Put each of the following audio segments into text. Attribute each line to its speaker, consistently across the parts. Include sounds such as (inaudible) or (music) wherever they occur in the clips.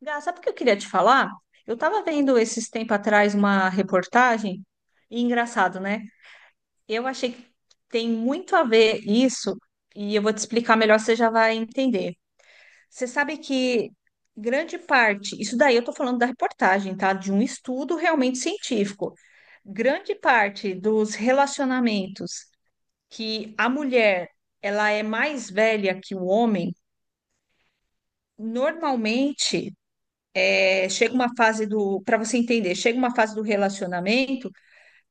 Speaker 1: Gá, sabe o que eu queria te falar? Eu estava vendo esses tempos atrás uma reportagem, e engraçado, né? Eu achei que tem muito a ver isso, e eu vou te explicar melhor, você já vai entender. Você sabe que grande parte, isso daí eu estou falando da reportagem, tá? De um estudo realmente científico. Grande parte dos relacionamentos que a mulher ela é mais velha que o homem, normalmente chega uma fase do, para você entender, chega uma fase do relacionamento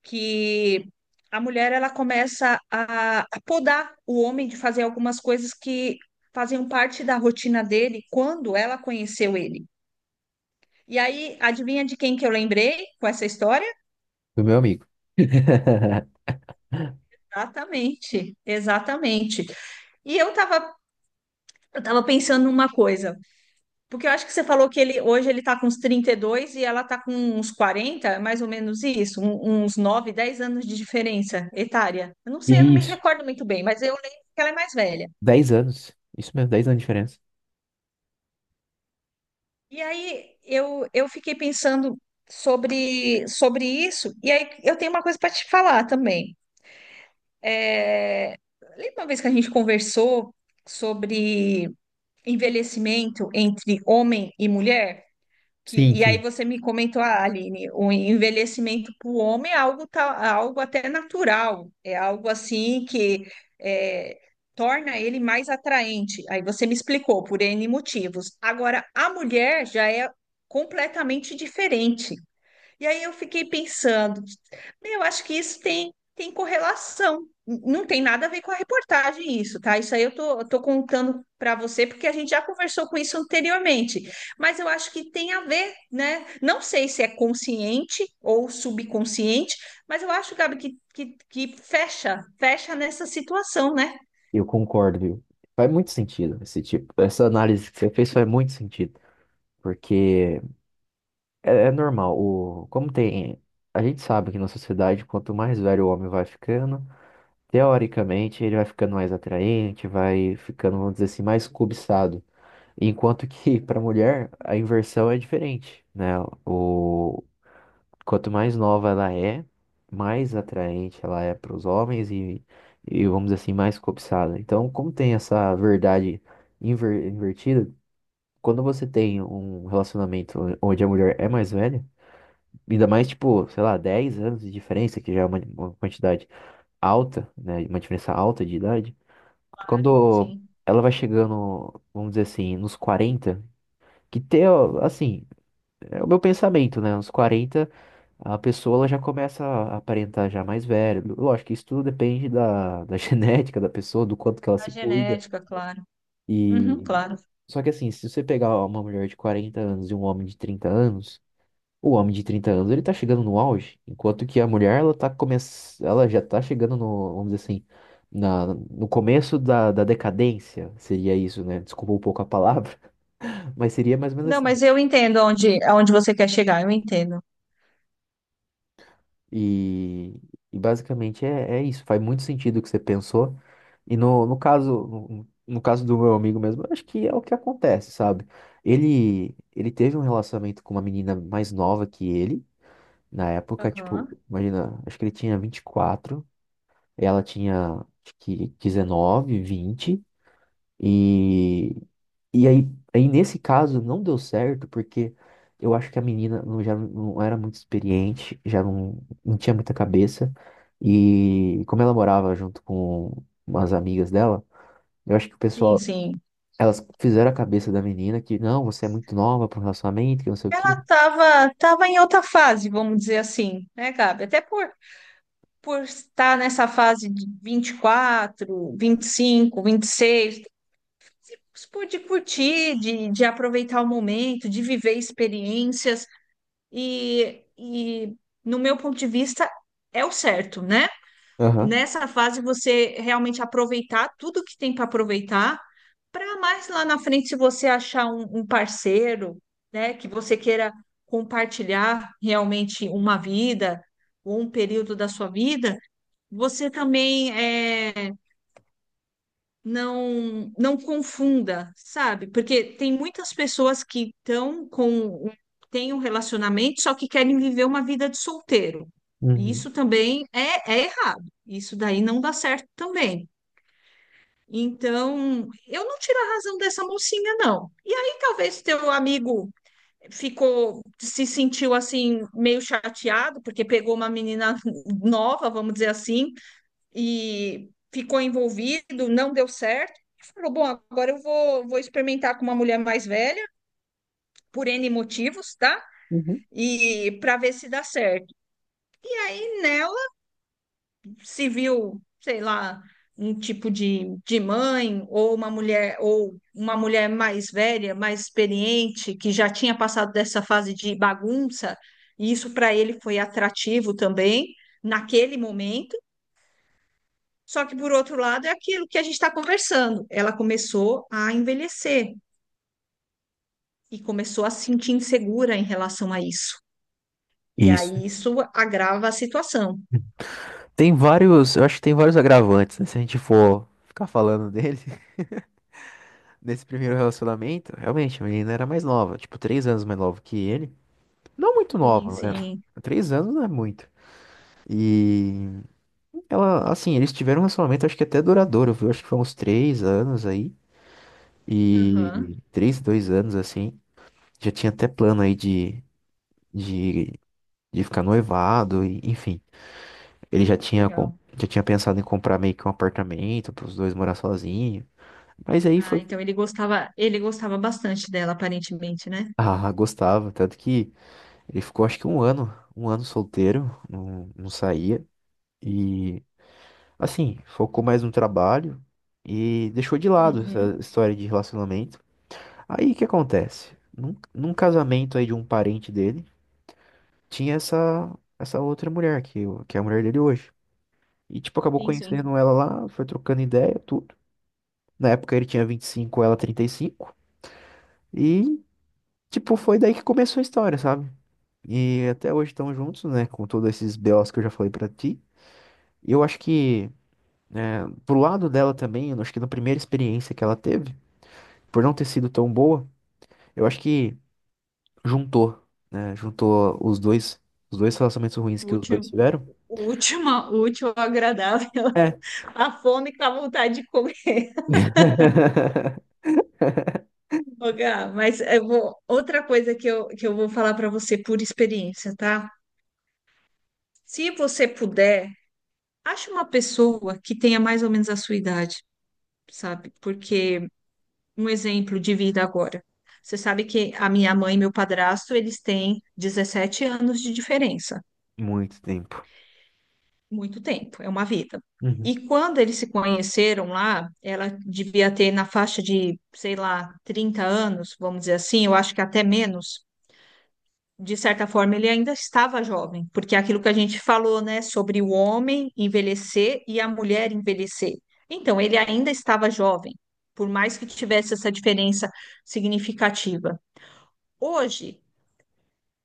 Speaker 1: que a mulher ela começa a podar o homem de fazer algumas coisas que faziam parte da rotina dele quando ela conheceu ele. E aí, adivinha de quem que eu lembrei com essa história?
Speaker 2: Do meu amigo. (laughs)
Speaker 1: Exatamente, exatamente. E eu estava eu tava pensando numa coisa. Porque eu acho que você falou que ele hoje ele tá com uns 32 e ela tá com uns 40, mais ou menos isso, uns 9, 10 anos de diferença etária. Eu não sei, eu não me
Speaker 2: Isso,
Speaker 1: recordo muito bem, mas eu lembro que ela é mais velha.
Speaker 2: 10 anos. Isso mesmo, 10 anos de diferença.
Speaker 1: E aí eu fiquei pensando sobre isso, e aí eu tenho uma coisa para te falar também. É, Lembra uma vez que a gente conversou sobre envelhecimento entre homem e mulher?
Speaker 2: Sim,
Speaker 1: E aí
Speaker 2: sim.
Speaker 1: você me comentou: ah, Aline, o envelhecimento para o homem é algo, algo até natural, é algo assim que é, torna ele mais atraente. Aí você me explicou por N motivos. Agora, a mulher já é completamente diferente. E aí eu fiquei pensando, eu acho que isso tem correlação. Não tem nada a ver com a reportagem isso, tá? Isso aí eu tô contando para você porque a gente já conversou com isso anteriormente. Mas eu acho que tem a ver, né? Não sei se é consciente ou subconsciente, mas eu acho, Gabi, que fecha nessa situação, né?
Speaker 2: Eu concordo, viu? Faz muito sentido esse tipo, essa análise que você fez faz muito sentido, porque é normal, como tem, a gente sabe que na sociedade, quanto mais velho o homem vai ficando, teoricamente ele vai ficando mais atraente, vai ficando, vamos dizer assim, mais cobiçado. Enquanto que (laughs) para mulher a inversão é diferente, né? O Quanto mais nova ela é, mais atraente ela é para os homens e, vamos dizer assim, mais cobiçada. Então, como tem essa verdade invertida, quando você tem um relacionamento onde a mulher é mais velha, ainda mais, tipo, sei lá, 10 anos de diferença, que já é uma quantidade alta, né, uma diferença alta de idade,
Speaker 1: Claro.
Speaker 2: quando
Speaker 1: Sim,
Speaker 2: ela vai chegando, vamos dizer assim, nos 40, que ter, ó, assim, é o meu pensamento, né, uns 40 a pessoa ela já começa a aparentar já mais velha. Lógico que isso tudo depende da, da (laughs) genética da pessoa, do quanto que ela
Speaker 1: a
Speaker 2: se cuida.
Speaker 1: genética, claro. Uhum,
Speaker 2: E
Speaker 1: claro.
Speaker 2: só que assim, se você pegar uma mulher de 40 anos e um homem de 30 anos, o homem de 30 anos ele tá chegando no auge, enquanto que a mulher ela tá ela já tá chegando no, vamos dizer assim, no começo da decadência, seria isso, né? Desculpa um pouco a palavra, (laughs) mas seria mais ou
Speaker 1: Não,
Speaker 2: menos.
Speaker 1: mas eu entendo aonde você quer chegar, eu entendo.
Speaker 2: E, e basicamente é isso. Faz muito sentido o que você pensou. E no caso, no caso do meu amigo mesmo, eu acho que é o que acontece, sabe? Ele teve um relacionamento com uma menina mais nova que ele. Na época, tipo,
Speaker 1: Aham.
Speaker 2: imagina, acho que ele tinha 24, ela tinha, acho que, 19, 20. E, e aí, aí, nesse caso, não deu certo, porque eu acho que a menina não, já não era muito experiente, já não, não tinha muita cabeça. E como ela morava junto com umas amigas dela, eu acho que o
Speaker 1: Sim,
Speaker 2: pessoal,
Speaker 1: sim.
Speaker 2: elas fizeram a cabeça da menina que, não, você é muito nova para um relacionamento, que não sei o
Speaker 1: Ela
Speaker 2: quê.
Speaker 1: estava tava Tava em outra fase, vamos dizer assim, né, Gabi? Por estar nessa fase de vinte e quatro, 25, 26, por de curtir, de aproveitar o momento, de viver experiências. E no meu ponto de vista, é o certo, né?
Speaker 2: Aham.
Speaker 1: Nessa fase, você realmente aproveitar tudo que tem para aproveitar, para mais lá na frente, se você achar um parceiro, né, que você queira compartilhar realmente uma vida ou um período da sua vida, você também é não, confunda, sabe? Porque tem muitas pessoas que estão têm um relacionamento, só que querem viver uma vida de solteiro. E
Speaker 2: Uhum.
Speaker 1: isso também é errado. Isso daí não dá certo também. Então, eu não tiro a razão dessa mocinha, não. E aí, talvez teu amigo ficou, se sentiu assim, meio chateado, porque pegou uma menina (laughs) nova, vamos dizer assim, e ficou envolvido, não deu certo. Falou: bom, agora vou experimentar com uma mulher mais velha, por N motivos, tá?
Speaker 2: Uhum.
Speaker 1: E para ver se dá certo. E nela se viu, sei lá, um tipo de mãe, ou uma mulher, ou uma mulher mais velha, mais experiente, que já tinha passado dessa fase de bagunça, e isso para ele foi atrativo também naquele momento. Só que, por outro lado, é aquilo que a gente está conversando. Ela começou a envelhecer e começou a se sentir insegura em relação a isso. E
Speaker 2: Isso.
Speaker 1: aí isso agrava a situação.
Speaker 2: Tem vários, eu acho que tem vários agravantes, né? Se a gente for ficar falando dele, (laughs) nesse primeiro relacionamento, realmente, a menina era mais nova, tipo, 3 anos mais nova que ele. Não muito
Speaker 1: Sim,
Speaker 2: nova, né?
Speaker 1: sim.
Speaker 2: 3 anos não é muito. E ela, assim, eles tiveram um relacionamento, acho que até duradouro, viu? Acho que foi uns 3 anos aí.
Speaker 1: Aham.
Speaker 2: E três, 2 anos, assim. Já tinha até plano aí de, de ficar noivado, e, enfim. Ele já tinha,
Speaker 1: Legal.
Speaker 2: já tinha pensado em comprar meio que um apartamento para os dois morar sozinhos. Mas aí
Speaker 1: Ah,
Speaker 2: foi.
Speaker 1: então ele gostava bastante dela, aparentemente, né?
Speaker 2: Ah, gostava. Tanto que ele ficou, acho que um ano solteiro, não, não saía. E assim, focou mais no trabalho e deixou de lado essa
Speaker 1: Uhum.
Speaker 2: história de relacionamento. Aí o que acontece? Num casamento aí de um parente dele, tinha essa outra mulher que, que é a mulher dele hoje. E tipo, acabou
Speaker 1: Sim, sim.
Speaker 2: conhecendo ela lá, foi trocando ideia, tudo. Na época ele tinha 25, ela 35, e tipo, foi daí que começou a história, sabe? E até hoje estão juntos, né, com todos esses BOs que eu já falei pra ti. E eu acho que é, pro lado dela também, eu acho que na primeira experiência que ela teve, por não ter sido tão boa, eu acho que juntou, né? Juntou os dois relacionamentos ruins que os dois
Speaker 1: Útil,
Speaker 2: tiveram.
Speaker 1: última, útil, agradável.
Speaker 2: É.
Speaker 1: (laughs) A fome com a vontade de comer.
Speaker 2: (laughs)
Speaker 1: Ô, Gá, mas eu vou, outra coisa que eu vou falar para você por experiência, tá? Se você puder, acha uma pessoa que tenha mais ou menos a sua idade, sabe? Porque um exemplo de vida agora. Você sabe que a minha mãe e meu padrasto, eles têm 17 anos de diferença.
Speaker 2: Muito tempo.
Speaker 1: Muito tempo, é uma vida.
Speaker 2: Uhum.
Speaker 1: E quando eles se conheceram lá, ela devia ter na faixa de, sei lá, 30 anos, vamos dizer assim, eu acho que até menos. De certa forma, ele ainda estava jovem, porque é aquilo que a gente falou, né, sobre o homem envelhecer e a mulher envelhecer. Então, ele ainda estava jovem, por mais que tivesse essa diferença significativa. Hoje,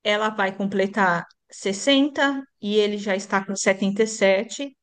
Speaker 1: ela vai completar 60 e ele já está com 77,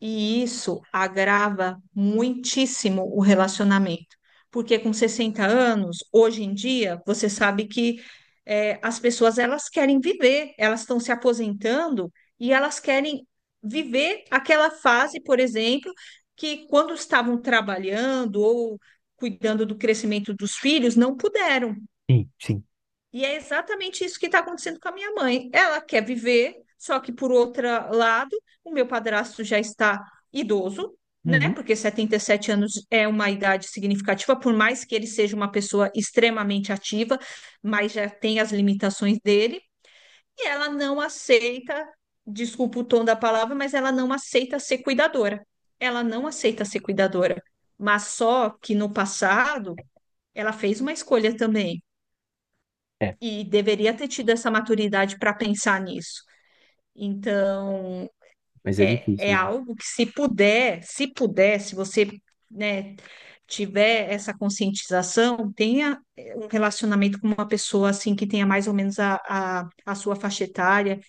Speaker 1: e isso agrava muitíssimo o relacionamento, porque com 60 anos, hoje em dia, você sabe que as pessoas elas querem viver, elas estão se aposentando e elas querem viver aquela fase, por exemplo, que quando estavam trabalhando ou cuidando do crescimento dos filhos, não puderam.
Speaker 2: Sim, sim.
Speaker 1: E é exatamente isso que está acontecendo com a minha mãe. Ela quer viver, só que por outro lado, o meu padrasto já está idoso, né?
Speaker 2: Uhum.
Speaker 1: Porque 77 anos é uma idade significativa, por mais que ele seja uma pessoa extremamente ativa, mas já tem as limitações dele, e ela não aceita, desculpa o tom da palavra, mas ela não aceita ser cuidadora. Ela não aceita ser cuidadora. Mas só que no passado ela fez uma escolha também,
Speaker 2: É,
Speaker 1: e deveria ter tido essa maturidade para pensar nisso. Então,
Speaker 2: mas é
Speaker 1: é, é
Speaker 2: difícil, viu?
Speaker 1: algo que se puder, se você, né, tiver essa conscientização, tenha um relacionamento com uma pessoa assim que tenha mais ou menos a sua faixa etária,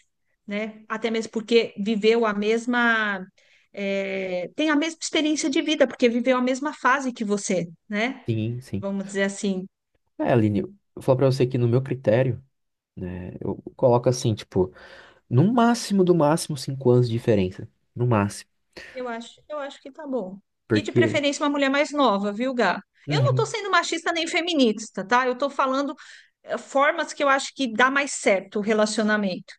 Speaker 1: né? Até mesmo porque viveu a mesma, é, tem a mesma experiência de vida, porque viveu a mesma fase que você, né?
Speaker 2: Sim, sim.
Speaker 1: Vamos dizer assim.
Speaker 2: É, Aline, eu vou falar pra você que no meu critério, né, eu coloco assim, tipo, no máximo, do máximo, 5 anos de diferença. No máximo.
Speaker 1: Eu acho que tá bom. E de
Speaker 2: Porque.
Speaker 1: preferência uma mulher mais nova, viu, Gá? Eu não tô
Speaker 2: Uhum.
Speaker 1: sendo machista nem feminista, tá? Eu tô falando formas que eu acho que dá mais certo o relacionamento,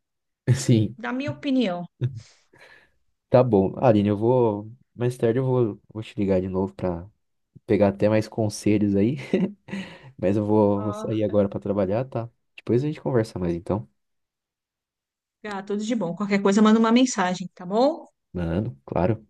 Speaker 2: (laughs) Sim,
Speaker 1: da minha opinião.
Speaker 2: tá bom. Aline, eu vou. Mais tarde eu vou te ligar de novo pra pegar até mais conselhos aí. Mas eu vou
Speaker 1: Ah,
Speaker 2: sair agora pra trabalhar, tá? Depois a gente conversa mais então.
Speaker 1: Gá, tudo de bom. Qualquer coisa, manda uma mensagem, tá bom?
Speaker 2: Mano, claro.